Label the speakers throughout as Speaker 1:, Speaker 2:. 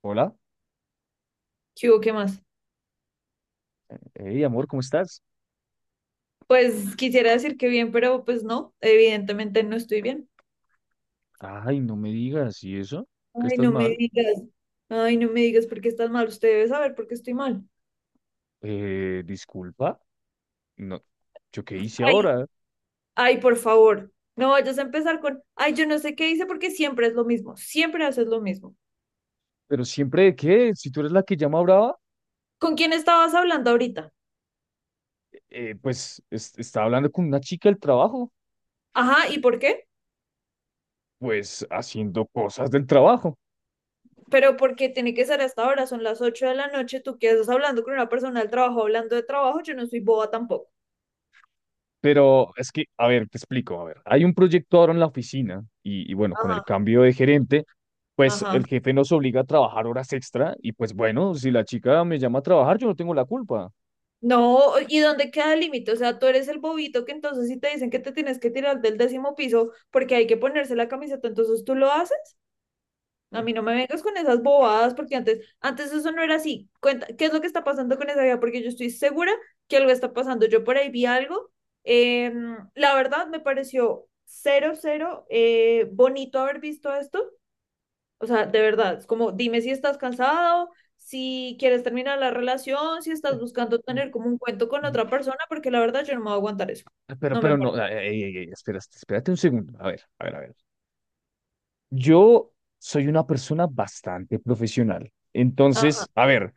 Speaker 1: Hola,
Speaker 2: ¿Qué hubo? ¿Qué más?
Speaker 1: hey amor, ¿cómo estás?
Speaker 2: Pues quisiera decir que bien, pero pues no, evidentemente no estoy bien.
Speaker 1: Ay, no me digas, ¿y eso? ¿Que
Speaker 2: Ay,
Speaker 1: estás
Speaker 2: no me
Speaker 1: mal?
Speaker 2: digas, ay, no me digas por qué estás mal, usted debe saber por qué estoy mal.
Speaker 1: Disculpa, no, ¿yo qué hice
Speaker 2: Ay,
Speaker 1: ahora?
Speaker 2: ay, por favor, no vayas a empezar con, ay, yo no sé qué hice porque siempre es lo mismo, siempre haces lo mismo.
Speaker 1: Pero siempre de qué, si tú eres la que llama brava.
Speaker 2: ¿Con quién estabas hablando ahorita?
Speaker 1: Está hablando con una chica del trabajo,
Speaker 2: Ajá, ¿y por qué?
Speaker 1: pues haciendo cosas del trabajo.
Speaker 2: Pero porque tiene que ser hasta ahora, son las 8 de la noche, tú qué estás hablando con una persona del trabajo, hablando de trabajo, yo no soy boba tampoco.
Speaker 1: Pero es que, a ver, te explico, a ver, hay un proyecto ahora en la oficina y bueno, con el
Speaker 2: Ajá,
Speaker 1: cambio de gerente, pues
Speaker 2: ajá.
Speaker 1: el jefe nos obliga a trabajar horas extra y pues bueno, si la chica me llama a trabajar, yo no tengo la culpa.
Speaker 2: No, ¿y dónde queda el límite? O sea, tú eres el bobito que entonces si te dicen que te tienes que tirar del décimo piso porque hay que ponerse la camiseta, entonces tú lo haces. A mí no me vengas con esas bobadas porque antes, antes eso no era así. Cuenta, ¿qué es lo que está pasando con esa vida? Porque yo estoy segura que algo está pasando. Yo por ahí vi algo. La verdad me pareció cero, cero bonito haber visto esto, o sea, de verdad, es como, dime si estás cansado, si quieres terminar la relación, si estás buscando tener como un cuento con
Speaker 1: Eh,
Speaker 2: otra persona, porque la verdad yo no me voy a aguantar eso.
Speaker 1: Pero,
Speaker 2: No me
Speaker 1: pero no,
Speaker 2: parece.
Speaker 1: ey, ey, ey, espera, espérate un segundo. A ver, a ver, a ver. Yo soy una persona bastante profesional.
Speaker 2: Ajá.
Speaker 1: Entonces, a ver,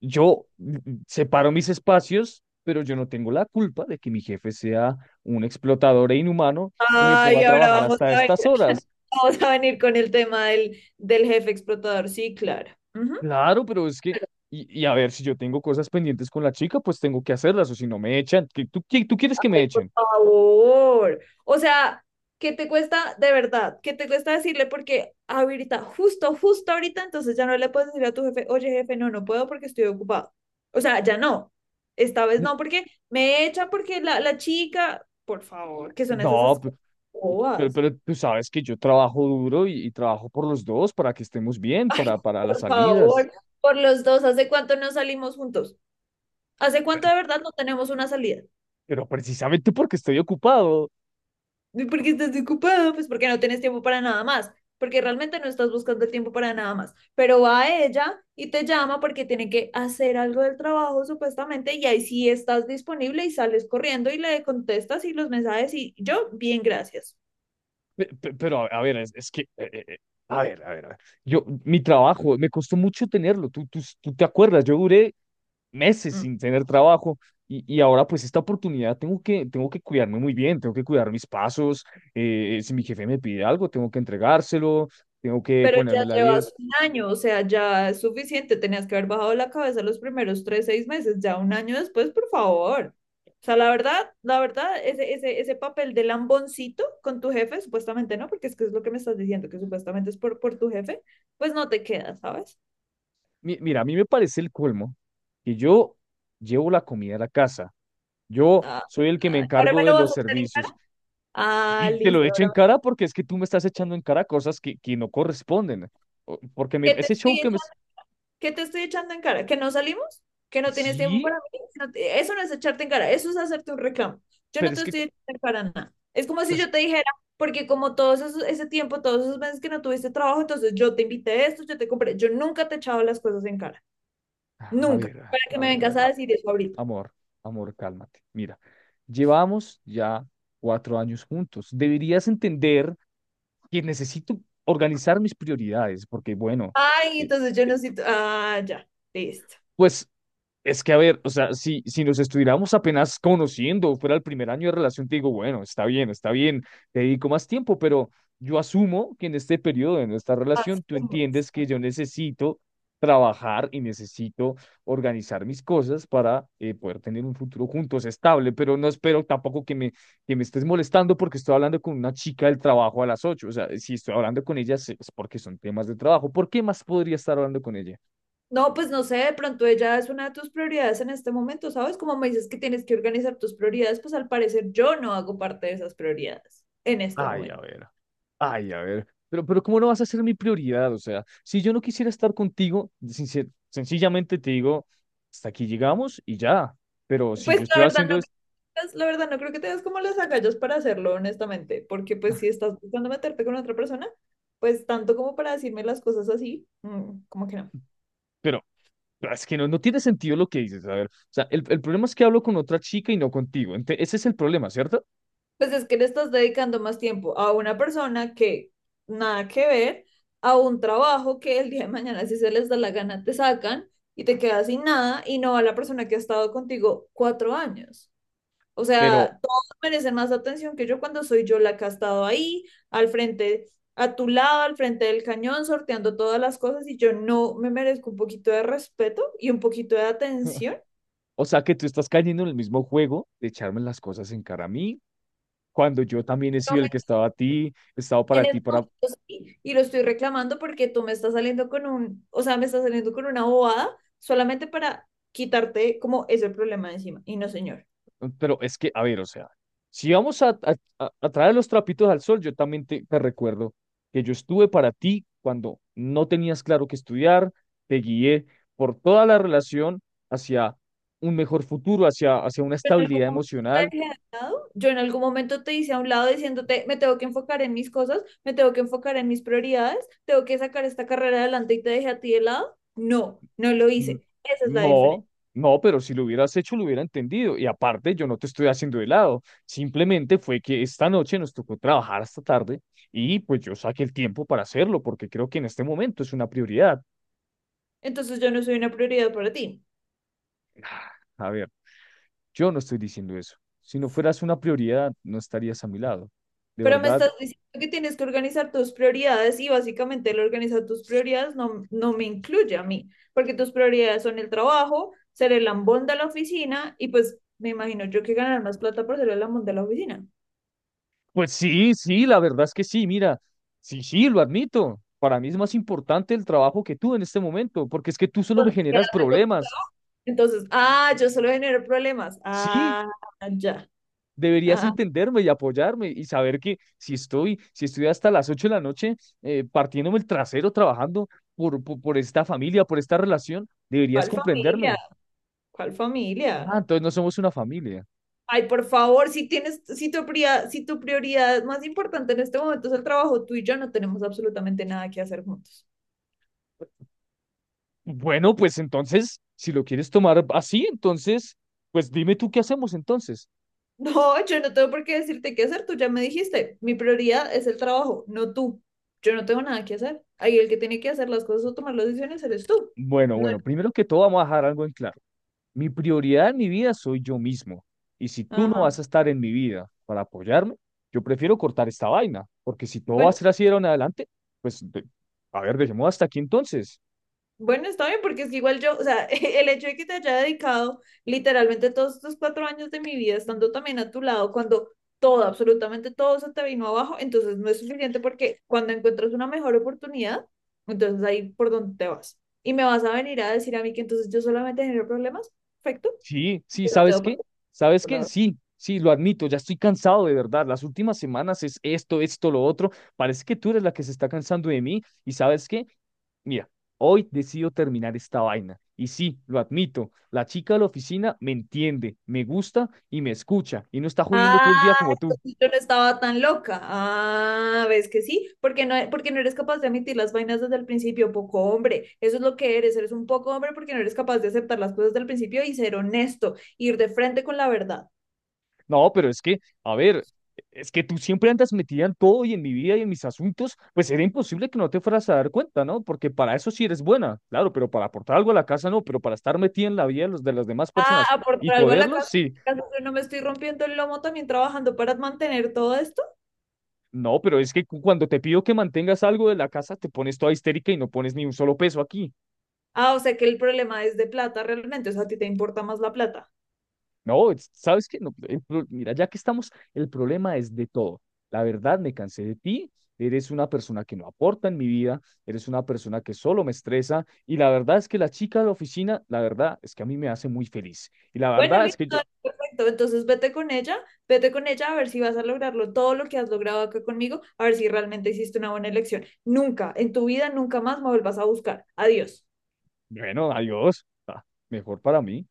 Speaker 1: yo separo mis espacios, pero yo no tengo la culpa de que mi jefe sea un explotador e inhumano y me ponga
Speaker 2: Ay,
Speaker 1: a
Speaker 2: ahora
Speaker 1: trabajar hasta estas horas.
Speaker 2: vamos a venir con el tema del jefe explotador. Sí, claro. Ujú.
Speaker 1: Claro, pero es que, y a ver, si yo tengo cosas pendientes con la chica, pues tengo que hacerlas, o si no me echan. ¿Tú quieres que me
Speaker 2: Ay, por
Speaker 1: echen?
Speaker 2: favor. O sea, ¿qué te cuesta de verdad? ¿Qué te cuesta decirle? Porque ahorita, justo, justo ahorita, entonces ya no le puedes decir a tu jefe, oye, jefe, no, no puedo porque estoy ocupado. O sea, ya no. Esta vez
Speaker 1: N-
Speaker 2: no, porque me echa porque la chica, por favor, que son esas
Speaker 1: No. p-
Speaker 2: excusas
Speaker 1: Pero,
Speaker 2: bobas.
Speaker 1: pero tú sabes que yo trabajo duro y trabajo por los dos para que estemos bien,
Speaker 2: Ay,
Speaker 1: para las
Speaker 2: por
Speaker 1: salidas.
Speaker 2: favor, por los dos, ¿hace cuánto no salimos juntos? ¿Hace cuánto
Speaker 1: Pe-
Speaker 2: de verdad no tenemos una salida?
Speaker 1: Pero, precisamente porque estoy ocupado.
Speaker 2: ¿Y por qué estás ocupada? Pues porque no tienes tiempo para nada más, porque realmente no estás buscando tiempo para nada más. Pero va ella y te llama porque tiene que hacer algo del trabajo supuestamente y ahí sí estás disponible y sales corriendo y le contestas y los mensajes y yo, bien, gracias.
Speaker 1: Pe- pe- Pero a ver, es que, A ver, a ver, a ver. Yo, mi trabajo, me costó mucho tenerlo. Tú te acuerdas, yo duré meses
Speaker 2: Mm.
Speaker 1: sin tener trabajo y ahora pues esta oportunidad tengo que cuidarme muy bien, tengo que cuidar mis pasos. Si mi jefe me pide algo, tengo que entregárselo, tengo que
Speaker 2: Pero ya
Speaker 1: ponerme la
Speaker 2: llevas
Speaker 1: 10.
Speaker 2: un año, o sea, ya es suficiente. Tenías que haber bajado la cabeza los primeros 3, 6 meses, ya un año después, por favor. O sea, la verdad, ese papel de lamboncito con tu jefe, supuestamente no, porque es que es lo que me estás diciendo, que supuestamente es por tu jefe, pues no te queda, ¿sabes?
Speaker 1: Mira, a mí me parece el colmo que yo llevo la comida a la casa. Yo
Speaker 2: Ah,
Speaker 1: soy el que me
Speaker 2: ah, ¿ahora me
Speaker 1: encargo de
Speaker 2: lo vas
Speaker 1: los
Speaker 2: a echar en
Speaker 1: servicios.
Speaker 2: cara? Ah,
Speaker 1: Sí, te lo
Speaker 2: listo,
Speaker 1: echo
Speaker 2: ahora
Speaker 1: en cara porque es que tú me estás
Speaker 2: me-
Speaker 1: echando en cara cosas que no corresponden. Porque me,
Speaker 2: ¿Qué te
Speaker 1: ese show
Speaker 2: estoy
Speaker 1: que me...
Speaker 2: echando? ¿Qué te estoy echando en cara? ¿Que no salimos? ¿Que no tienes tiempo
Speaker 1: Sí,
Speaker 2: para mí? Eso no es echarte en cara, eso es hacerte un reclamo. Yo
Speaker 1: pero
Speaker 2: no te
Speaker 1: es que...
Speaker 2: estoy echando en cara nada. Es como si
Speaker 1: es
Speaker 2: yo te
Speaker 1: que-
Speaker 2: dijera, porque como todos esos, ese tiempo, todos esos meses que no tuviste trabajo, entonces yo te invité esto, yo te compré. Yo nunca te he echado las cosas en cara,
Speaker 1: a
Speaker 2: nunca,
Speaker 1: ver,
Speaker 2: para que
Speaker 1: a
Speaker 2: me
Speaker 1: ver, a
Speaker 2: vengas a
Speaker 1: ver.
Speaker 2: decir eso ahorita.
Speaker 1: Amor, amor, cálmate. Mira, llevamos ya 4 años juntos. Deberías entender que necesito organizar mis prioridades porque, bueno,
Speaker 2: Ay,
Speaker 1: eh,
Speaker 2: entonces yo no siento, ah, ya, listo.
Speaker 1: pues... Es que, a ver, o sea, si nos estuviéramos apenas conociendo, fuera el primer año de relación, te digo, bueno, está bien, te dedico más tiempo, pero yo asumo que en este periodo de nuestra
Speaker 2: Así
Speaker 1: relación tú
Speaker 2: como...
Speaker 1: entiendes que yo necesito trabajar y necesito organizar mis cosas para poder tener un futuro juntos estable, pero no espero tampoco que me, estés molestando porque estoy hablando con una chica del trabajo a las 8. O sea, si estoy hablando con ella es porque son temas de trabajo, ¿por qué más podría estar hablando con ella?
Speaker 2: No, pues no sé, de pronto ella es una de tus prioridades en este momento, ¿sabes? Como me dices que tienes que organizar tus prioridades, pues al parecer yo no hago parte de esas prioridades en este
Speaker 1: Ay, a
Speaker 2: momento.
Speaker 1: ver, ay, a ver. Pero ¿cómo no vas a ser mi prioridad? O sea, si yo no quisiera estar contigo, sencillamente te digo, hasta aquí llegamos y ya. Pero si
Speaker 2: Pues
Speaker 1: yo
Speaker 2: la
Speaker 1: estoy
Speaker 2: verdad
Speaker 1: haciendo
Speaker 2: no,
Speaker 1: es,
Speaker 2: la verdad no creo que tengas como las agallas para hacerlo, honestamente, porque pues si estás buscando meterte con otra persona, pues tanto como para decirme las cosas así, como que no.
Speaker 1: pero pero es que no tiene sentido lo que dices. A ver, o sea, el problema es que hablo con otra chica y no contigo. Ese es el problema, ¿cierto?
Speaker 2: Pues es que le estás dedicando más tiempo a una persona que nada que ver, a un trabajo que el día de mañana, si se les da la gana, te sacan y te quedas sin nada y no a la persona que ha estado contigo 4 años. O
Speaker 1: Pero,
Speaker 2: sea, todos merecen más atención que yo cuando soy yo la que ha estado ahí, al frente, a tu lado, al frente del cañón, sorteando todas las cosas y yo no me merezco un poquito de respeto y un poquito de atención.
Speaker 1: o sea, que tú estás cayendo en el mismo juego de echarme las cosas en cara a mí, cuando yo también he
Speaker 2: No
Speaker 1: sido
Speaker 2: me
Speaker 1: el que estaba a ti, he estado
Speaker 2: En
Speaker 1: para ti,
Speaker 2: este
Speaker 1: para...
Speaker 2: momento sí, y lo estoy reclamando porque tú me estás saliendo con un, o sea, me estás saliendo con una bobada solamente para quitarte como ese problema de encima. Y no, señor.
Speaker 1: Pero es que, a ver, o sea, si vamos a, a traer los trapitos al sol, yo también te recuerdo que yo estuve para ti cuando no tenías claro qué estudiar, te guié por toda la relación hacia un mejor futuro, hacia una
Speaker 2: Yo en algún momento
Speaker 1: estabilidad
Speaker 2: te
Speaker 1: emocional.
Speaker 2: dejé de lado, yo en algún momento te hice a un lado diciéndote, me tengo que enfocar en mis cosas, me tengo que enfocar en mis prioridades, tengo que sacar esta carrera adelante y te dejé a ti de lado. No, no lo
Speaker 1: Mm.
Speaker 2: hice. Esa es la
Speaker 1: No,
Speaker 2: diferencia.
Speaker 1: no, pero si lo hubieras hecho, lo hubiera entendido. Y aparte, yo no te estoy haciendo de lado. Simplemente fue que esta noche nos tocó trabajar hasta tarde y pues yo saqué el tiempo para hacerlo porque creo que en este momento es una prioridad.
Speaker 2: Entonces yo no soy una prioridad para ti.
Speaker 1: A ver, yo no estoy diciendo eso. Si no fueras una prioridad, no estarías a mi lado. ¿De
Speaker 2: Pero me
Speaker 1: verdad?
Speaker 2: estás diciendo que tienes que organizar tus prioridades y básicamente el organizar tus prioridades no me incluye a mí, porque tus prioridades son el trabajo, ser el lambón de la oficina y pues me imagino yo que ganar más plata por ser el lambón de la oficina.
Speaker 1: Pues sí, sí, la verdad es que sí, mira, sí, sí, lo admito. Para mí es más importante el trabajo que tú en este momento, porque es que tú solo me
Speaker 2: Entonces,
Speaker 1: generas
Speaker 2: quédate con-
Speaker 1: problemas.
Speaker 2: entonces, ah, yo solo genero problemas.
Speaker 1: Sí,
Speaker 2: Ah, ya.
Speaker 1: deberías
Speaker 2: Ah,
Speaker 1: entenderme y apoyarme y saber que si estoy hasta las 8 de la noche, partiéndome el trasero trabajando por esta familia, por esta relación, deberías
Speaker 2: ¿cuál familia?
Speaker 1: comprenderme.
Speaker 2: ¿Cuál
Speaker 1: Ah,
Speaker 2: familia?
Speaker 1: entonces no somos una familia.
Speaker 2: Ay, por favor, si tienes, si tu prioridad más importante en este momento es el trabajo, tú y yo no tenemos absolutamente nada que hacer juntos.
Speaker 1: Bueno, pues entonces, si lo quieres tomar así, entonces, pues dime tú qué hacemos entonces.
Speaker 2: No, yo no tengo por qué decirte qué hacer, tú ya me dijiste, mi prioridad es el trabajo, no tú. Yo no tengo nada que hacer. Ahí el que tiene que hacer las cosas o tomar las decisiones eres tú.
Speaker 1: Bueno,
Speaker 2: No-
Speaker 1: bueno, primero que todo vamos a dejar algo en claro. Mi prioridad en mi vida soy yo mismo. Y si tú no
Speaker 2: Ajá.
Speaker 1: vas a estar en mi vida para apoyarme, yo prefiero cortar esta vaina, porque si todo va a
Speaker 2: Bueno,
Speaker 1: ser así de ahora en adelante, pues, a ver, dejemos hasta aquí entonces.
Speaker 2: bueno, está bien, porque es que igual yo, o sea, el hecho de que te haya dedicado literalmente todos estos 4 años de mi vida estando también a tu lado, cuando todo, absolutamente todo se te vino abajo, entonces no es suficiente porque cuando encuentras una mejor oportunidad, entonces ahí por donde te vas. Y me vas a venir a decir a mí que entonces yo solamente genero problemas. Perfecto.
Speaker 1: Sí, sí,
Speaker 2: No te
Speaker 1: ¿sabes
Speaker 2: veo por
Speaker 1: qué?
Speaker 2: qué,
Speaker 1: ¿Sabes
Speaker 2: por la
Speaker 1: qué?
Speaker 2: verdad.
Speaker 1: Sí, sí, lo admito, ya estoy cansado de verdad. Las últimas semanas es esto, esto, lo otro. Parece que tú eres la que se está cansando de mí. ¿Y sabes qué? Mira, hoy decido terminar esta vaina. Y sí, lo admito, la chica de la oficina me entiende, me gusta y me escucha y no está jodiendo
Speaker 2: Ah,
Speaker 1: todo el día como tú.
Speaker 2: entonces yo no estaba tan loca. Ah, ves que sí, porque no eres capaz de admitir las vainas desde el principio, poco hombre. Eso es lo que eres, eres un poco hombre porque no eres capaz de aceptar las cosas desde el principio y ser honesto, ir de frente con la verdad.
Speaker 1: No, pero es que, a ver, es que tú siempre andas metida en todo y en mi vida y en mis asuntos, pues era imposible que no te fueras a dar cuenta, ¿no? Porque para eso sí eres buena, claro, pero para aportar algo a la casa no, pero para estar metida en la vida de las demás
Speaker 2: Ah,
Speaker 1: personas y
Speaker 2: aportar algo a la
Speaker 1: joderlos,
Speaker 2: casa,
Speaker 1: sí.
Speaker 2: en yo no me estoy rompiendo el lomo también trabajando para mantener todo esto.
Speaker 1: No, pero es que cuando te pido que mantengas algo de la casa, te pones toda histérica y no pones ni un solo peso aquí.
Speaker 2: Ah, o sea que el problema es de plata realmente, o sea, a ti te importa más la plata.
Speaker 1: No, ¿sabes qué? No, mira, ya que estamos, el problema es de todo. La verdad, me cansé de ti. Eres una persona que no aporta en mi vida, eres una persona que solo me estresa y la verdad es que la chica de la oficina, la verdad es que a mí me hace muy feliz. Y la
Speaker 2: Bueno,
Speaker 1: verdad es
Speaker 2: listo,
Speaker 1: que yo,
Speaker 2: dale, perfecto. Entonces vete con ella a ver si vas a lograrlo todo lo que has logrado acá conmigo, a ver si realmente hiciste una buena elección. Nunca, en tu vida, nunca más me vuelvas a buscar. Adiós.
Speaker 1: bueno, adiós, mejor para mí.